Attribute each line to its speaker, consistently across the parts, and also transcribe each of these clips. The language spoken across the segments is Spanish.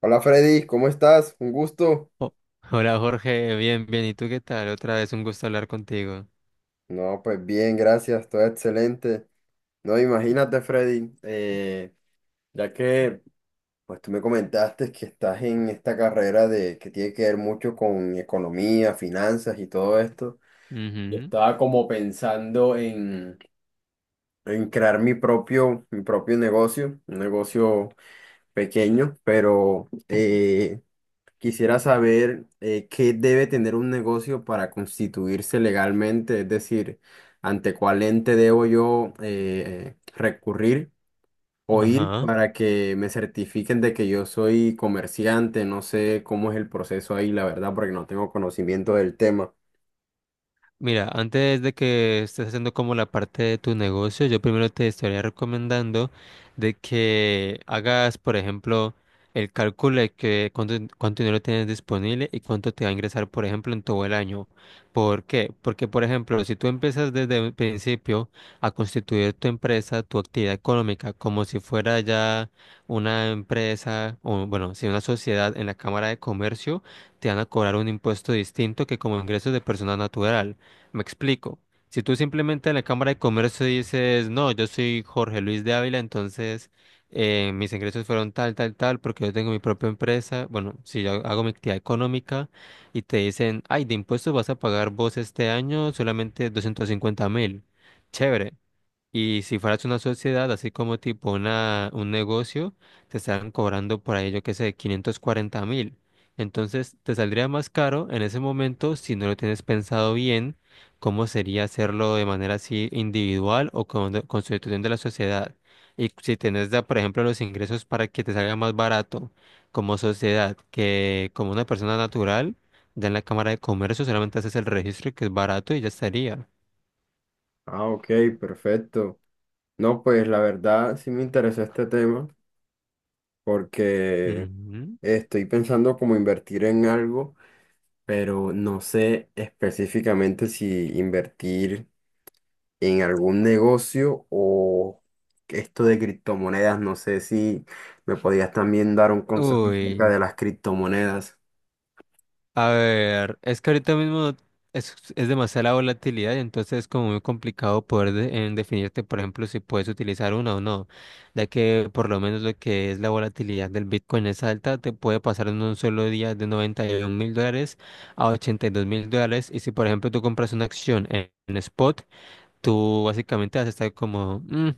Speaker 1: Hola Freddy, ¿cómo estás? Un gusto.
Speaker 2: Oh, hola Jorge, bien, bien. ¿Y tú qué tal? Otra vez un gusto hablar contigo.
Speaker 1: No, pues bien, gracias, todo excelente. No, imagínate Freddy, ya que pues tú me comentaste que estás en esta carrera de que tiene que ver mucho con economía, finanzas y todo esto. Yo
Speaker 2: Ujú.
Speaker 1: estaba como pensando en crear mi propio negocio, un negocio pequeño, pero quisiera saber qué debe tener un negocio para constituirse legalmente, es decir, ante cuál ente debo yo recurrir o ir
Speaker 2: Ajá.
Speaker 1: para que me certifiquen de que yo soy comerciante. No sé cómo es el proceso ahí, la verdad, porque no tengo conocimiento del tema.
Speaker 2: Mira, antes de que estés haciendo como la parte de tu negocio, yo primero te estaría recomendando de que hagas, por ejemplo, el cálculo de que cuánto dinero tienes disponible y cuánto te va a ingresar, por ejemplo, en todo el año. ¿Por qué? Porque, por ejemplo, si tú empiezas desde el principio a constituir tu empresa, tu actividad económica, como si fuera ya una empresa o, bueno, si una sociedad en la Cámara de Comercio, te van a cobrar un impuesto distinto que como ingresos de persona natural. Me explico. Si tú simplemente en la Cámara de Comercio dices, no, yo soy Jorge Luis de Ávila, entonces mis ingresos fueron tal, tal, tal, porque yo tengo mi propia empresa, bueno, si yo hago mi actividad económica y te dicen, ay, de impuestos vas a pagar vos este año solamente 250.000. Chévere. Y si fueras una sociedad, así como tipo un negocio, te estarán cobrando por ahí, yo qué sé, 540.000. Entonces, te saldría más caro en ese momento si no lo tienes pensado bien, cómo sería hacerlo de manera así individual o con constitución de la sociedad. Y si tienes, por ejemplo, los ingresos para que te salga más barato como sociedad que como una persona natural, ya en la Cámara de Comercio solamente haces el registro que es barato y ya estaría.
Speaker 1: Ah, ok, perfecto. No, pues la verdad sí me interesó este tema porque
Speaker 2: Ujú.
Speaker 1: estoy pensando como invertir en algo, pero no sé específicamente si invertir en algún negocio o esto de criptomonedas. No sé si me podías también dar un consejo acerca
Speaker 2: Uy.
Speaker 1: de las criptomonedas.
Speaker 2: A ver, es que ahorita mismo es demasiada la volatilidad y entonces es como muy complicado poder en definirte, por ejemplo, si puedes utilizar una o no, ya que por lo menos lo que es la volatilidad del Bitcoin es alta, te puede pasar en un solo día de 91 mil dólares a $82.000 y si por ejemplo tú compras una acción en spot, tú básicamente vas a estar como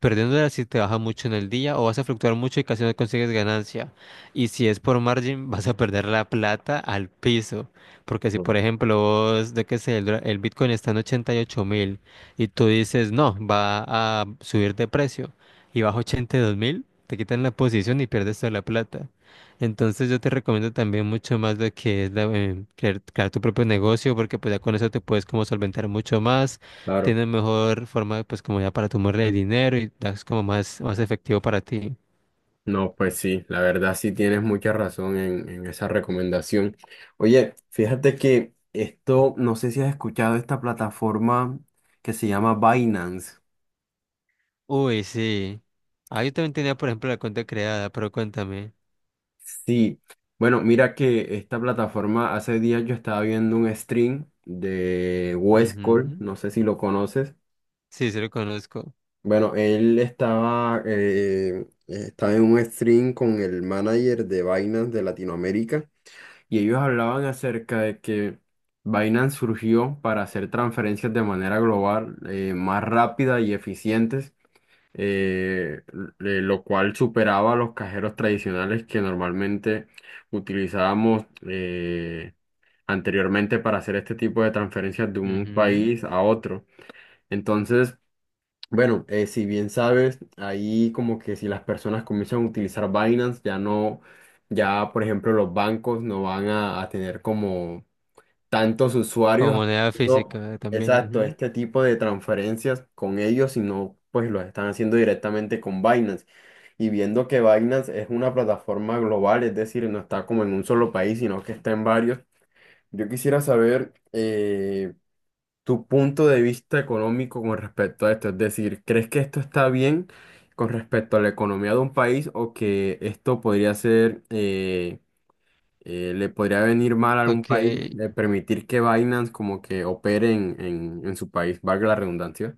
Speaker 2: perdiéndola si te baja mucho en el día o vas a fluctuar mucho y casi no consigues ganancia. Y si es por margin, vas a perder la plata al piso. Porque si,
Speaker 1: Mm.
Speaker 2: por ejemplo, vos, de qué sé, el Bitcoin está en 88.000 y tú dices, no, va a subir de precio y baja 82.000, te quitan la posición y pierdes toda la plata. Entonces yo te recomiendo también mucho más lo que es crear tu propio negocio porque pues ya con eso te puedes como solventar mucho más
Speaker 1: Claro.
Speaker 2: tienes mejor forma, pues como ya para tomarle el dinero y das como más efectivo para ti.
Speaker 1: No, pues sí, la verdad sí tienes mucha razón en esa recomendación. Oye, fíjate que esto, no sé si has escuchado esta plataforma que se llama Binance.
Speaker 2: Uy, sí. Ah, yo también tenía, por ejemplo, la cuenta creada, pero cuéntame.
Speaker 1: Sí, bueno, mira que esta plataforma, hace días yo estaba viendo un stream de Wes Cole,
Speaker 2: Ujú.
Speaker 1: no sé si lo conoces.
Speaker 2: Sí, sí lo conozco.
Speaker 1: Bueno, él estaba, estaba en un stream con el manager de Binance de Latinoamérica y ellos hablaban acerca de que Binance surgió para hacer transferencias de manera global, más rápida y eficientes eh, lo cual superaba a los cajeros tradicionales que normalmente utilizábamos anteriormente para hacer este tipo de transferencias de un
Speaker 2: Ujú.
Speaker 1: país a otro. Entonces, bueno, si bien sabes, ahí como que si las personas comienzan a utilizar Binance, ya no, ya por ejemplo los bancos no van a tener como tantos
Speaker 2: Como
Speaker 1: usuarios
Speaker 2: moneda
Speaker 1: haciendo,
Speaker 2: física también.
Speaker 1: exacto,
Speaker 2: Ujú.
Speaker 1: este tipo de transferencias con ellos, sino pues lo están haciendo directamente con Binance. Y viendo que Binance es una plataforma global, es decir, no está como en un solo país, sino que está en varios. Yo quisiera saber tu punto de vista económico con respecto a esto. Es decir, ¿crees que esto está bien con respecto a la economía de un país o que esto podría ser le podría venir mal a algún
Speaker 2: Ok.
Speaker 1: país de permitir que Binance como que opere en su país, valga la redundancia.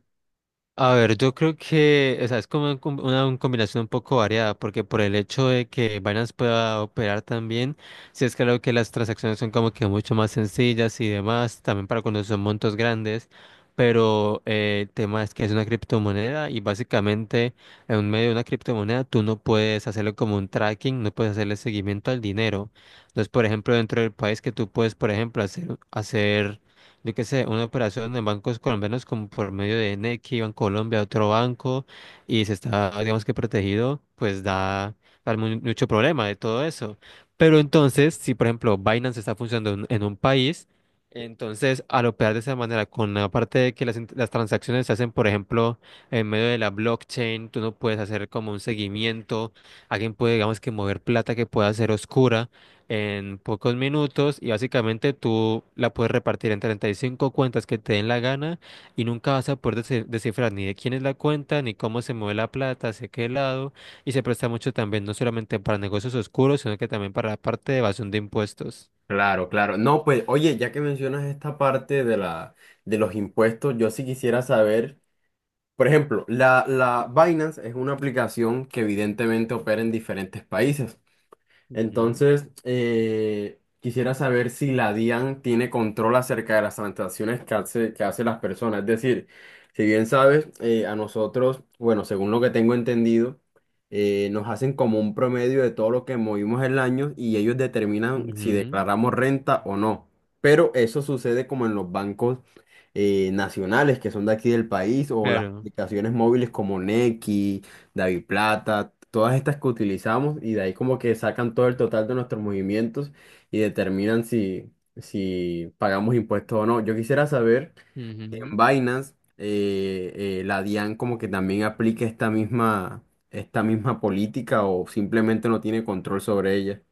Speaker 2: A ver, yo creo que, o sea, es como un com- una, un combinación un poco variada, porque por el hecho de que Binance pueda operar también, sí es claro que las transacciones son como que mucho más sencillas y demás, también para cuando son montos grandes, pero el tema es que es una criptomoneda y básicamente en medio de una criptomoneda tú no puedes hacerlo como un tracking, no puedes hacerle seguimiento al dinero. Entonces, por ejemplo, dentro del país que tú puedes, por ejemplo, hacer yo qué sé, una operación en bancos colombianos como por medio de Nequi, Banco Colombia, otro banco, y se está, digamos que protegido, pues mucho problema de todo eso. Pero entonces, si por ejemplo Binance está funcionando en un país, entonces al operar de esa manera, con la parte de que las transacciones se hacen, por ejemplo, en medio de la blockchain, tú no puedes hacer como un seguimiento, alguien puede, digamos que mover plata que pueda ser oscura en pocos minutos y básicamente tú la puedes repartir en 35 cuentas que te den la gana y nunca vas a poder descifrar ni de quién es la cuenta, ni cómo se mueve la plata, hacia qué lado y se presta mucho también no solamente para negocios oscuros, sino que también para la parte de evasión de impuestos.
Speaker 1: Claro, claro. No, pues, oye, ya que mencionas esta parte de de los impuestos, yo sí quisiera saber, por ejemplo, la Binance es una aplicación que evidentemente opera en diferentes países.
Speaker 2: Ujú,
Speaker 1: Entonces, quisiera saber si la DIAN tiene control acerca de las transacciones que hace, que hacen las personas. Es decir, si bien sabes, a nosotros, bueno, según lo que tengo entendido, nos hacen como un promedio de todo lo que movimos el año y ellos determinan si
Speaker 2: ujú,
Speaker 1: declaramos renta o no. Pero eso sucede como en los bancos nacionales que son de aquí del país o las
Speaker 2: claro.
Speaker 1: aplicaciones móviles como Nequi, David Plata, todas estas que utilizamos y de ahí como que sacan todo el total de nuestros movimientos y determinan si, si pagamos impuestos o no. Yo quisiera saber, si en
Speaker 2: Ujú.
Speaker 1: Binance, la DIAN como que también aplica esta misma política o simplemente no tiene control sobre ella.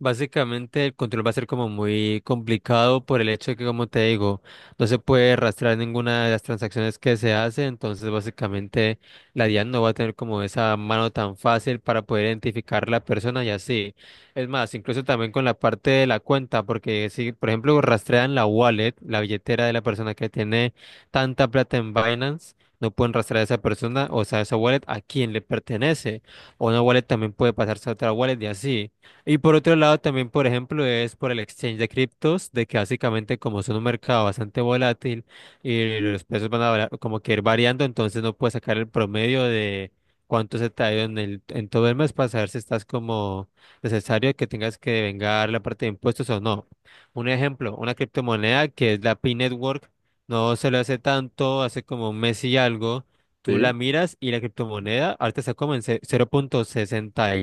Speaker 2: Básicamente el control va a ser como muy complicado por el hecho de que, como te digo, no se puede rastrear ninguna de las transacciones que se hace, entonces básicamente la DIAN no va a tener como esa mano tan fácil para poder identificar la persona y así. Es más, incluso también con la parte de la cuenta, porque si, por ejemplo, rastrean la wallet, la billetera de la persona que tiene tanta plata en Binance, no pueden rastrear a esa persona, o sea, esa wallet a quién le pertenece. O una wallet también puede pasarse a otra wallet y así. Y por otro lado, también, por ejemplo, es por el exchange de criptos, de que básicamente como es un mercado bastante volátil y los precios van a como que ir variando, entonces no puedes sacar el promedio de cuánto se te ha ido en todo el mes para saber si estás como necesario que tengas que vengar la parte de impuestos o no. Un ejemplo, una criptomoneda que es la Pi Network, no se lo hace tanto, hace como un mes y algo, tú la
Speaker 1: Sí.
Speaker 2: miras y la criptomoneda ahorita está como en 0,60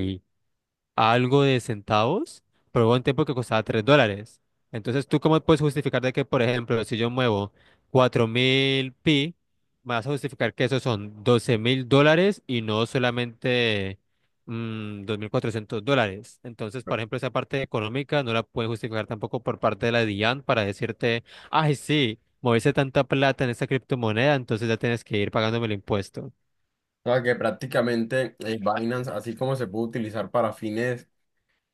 Speaker 2: a algo de centavos, pero hubo un tiempo que costaba $3. Entonces, ¿tú cómo puedes justificar de que, por ejemplo, si yo muevo 4.000 pi, me vas a justificar que esos son $12.000 y no solamente $2.400? Entonces, por ejemplo, esa parte económica no la puedes justificar tampoco por parte de la DIAN para decirte, ay, sí, moviste tanta plata en esta criptomoneda, entonces ya tienes que ir pagándome el impuesto.
Speaker 1: O sea, que prácticamente Binance, así como se puede utilizar para fines,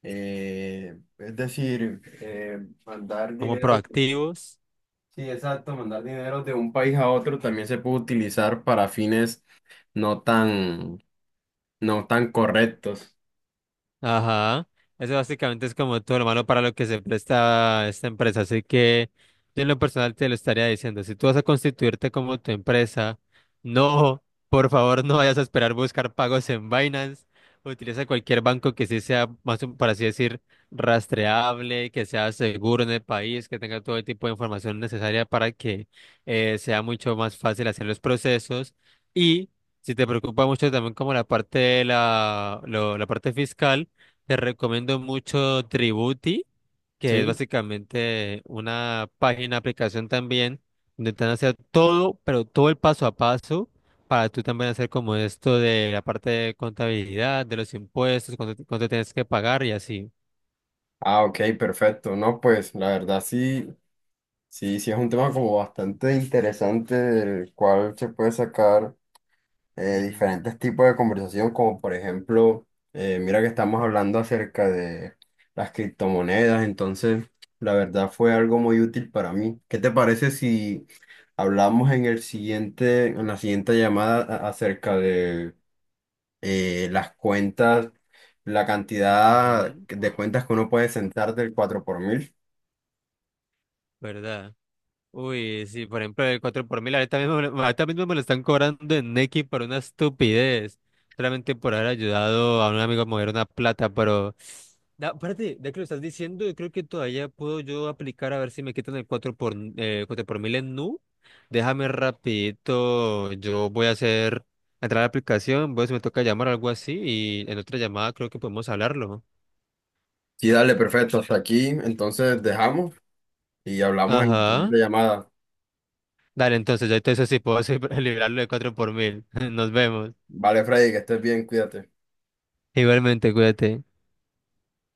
Speaker 1: es decir, mandar
Speaker 2: Como
Speaker 1: dinero.
Speaker 2: proactivos.
Speaker 1: Sí, exacto, mandar dinero de un país a otro también se puede utilizar para fines no tan, no tan correctos.
Speaker 2: Ajá, eso básicamente es como todo lo malo para lo que se presta esta empresa. Así que yo en lo personal te lo estaría diciendo, si tú vas a constituirte como tu empresa, no, por favor, no vayas a esperar buscar pagos en Binance. Utiliza cualquier banco que sí sea, más, por así decir, rastreable, que sea seguro en el país, que tenga todo el tipo de información necesaria para que sea mucho más fácil hacer los procesos. Y si te preocupa mucho también como la parte de la parte fiscal, te recomiendo mucho Tributi, que es
Speaker 1: Sí.
Speaker 2: básicamente una página, aplicación también, donde te van a hacer todo, pero todo el paso a paso, para tú también hacer como esto de la parte de contabilidad, de los impuestos, cuánto tienes que pagar y así.
Speaker 1: Ah, ok, perfecto. No, pues la verdad sí, sí, sí es un tema como bastante interesante del cual se puede sacar
Speaker 2: Ujú,
Speaker 1: diferentes tipos de conversación, como por ejemplo, mira que estamos hablando acerca de las criptomonedas, entonces la verdad fue algo muy útil para mí. ¿Qué te parece si hablamos en el siguiente, en la siguiente llamada a- acerca de las cuentas, la cantidad
Speaker 2: ujú,
Speaker 1: de cuentas que uno puede sentar del 4 por mil?
Speaker 2: ¿verdad? Uy, sí, por ejemplo, el 4 por mil, ahorita mismo, ahorita mismo me lo están cobrando en Nequi por una estupidez, solamente por haber ayudado a un amigo a mover una plata, pero... Aparte, ya que lo estás diciendo, yo creo que todavía puedo yo aplicar a ver si me quitan el 4 por mil en Nu. Déjame rapidito, yo voy a hacer, entrar a la aplicación, voy a ver si me toca llamar o algo así y en otra llamada creo que podemos hablarlo.
Speaker 1: Sí, dale, perfecto, hasta aquí, entonces dejamos y hablamos en la
Speaker 2: Ajá.
Speaker 1: siguiente llamada.
Speaker 2: Dale, entonces ya entonces sí puedo liberarlo de 4 por mil. Nos vemos.
Speaker 1: Vale, Freddy, que estés bien, cuídate.
Speaker 2: Igualmente, cuídate.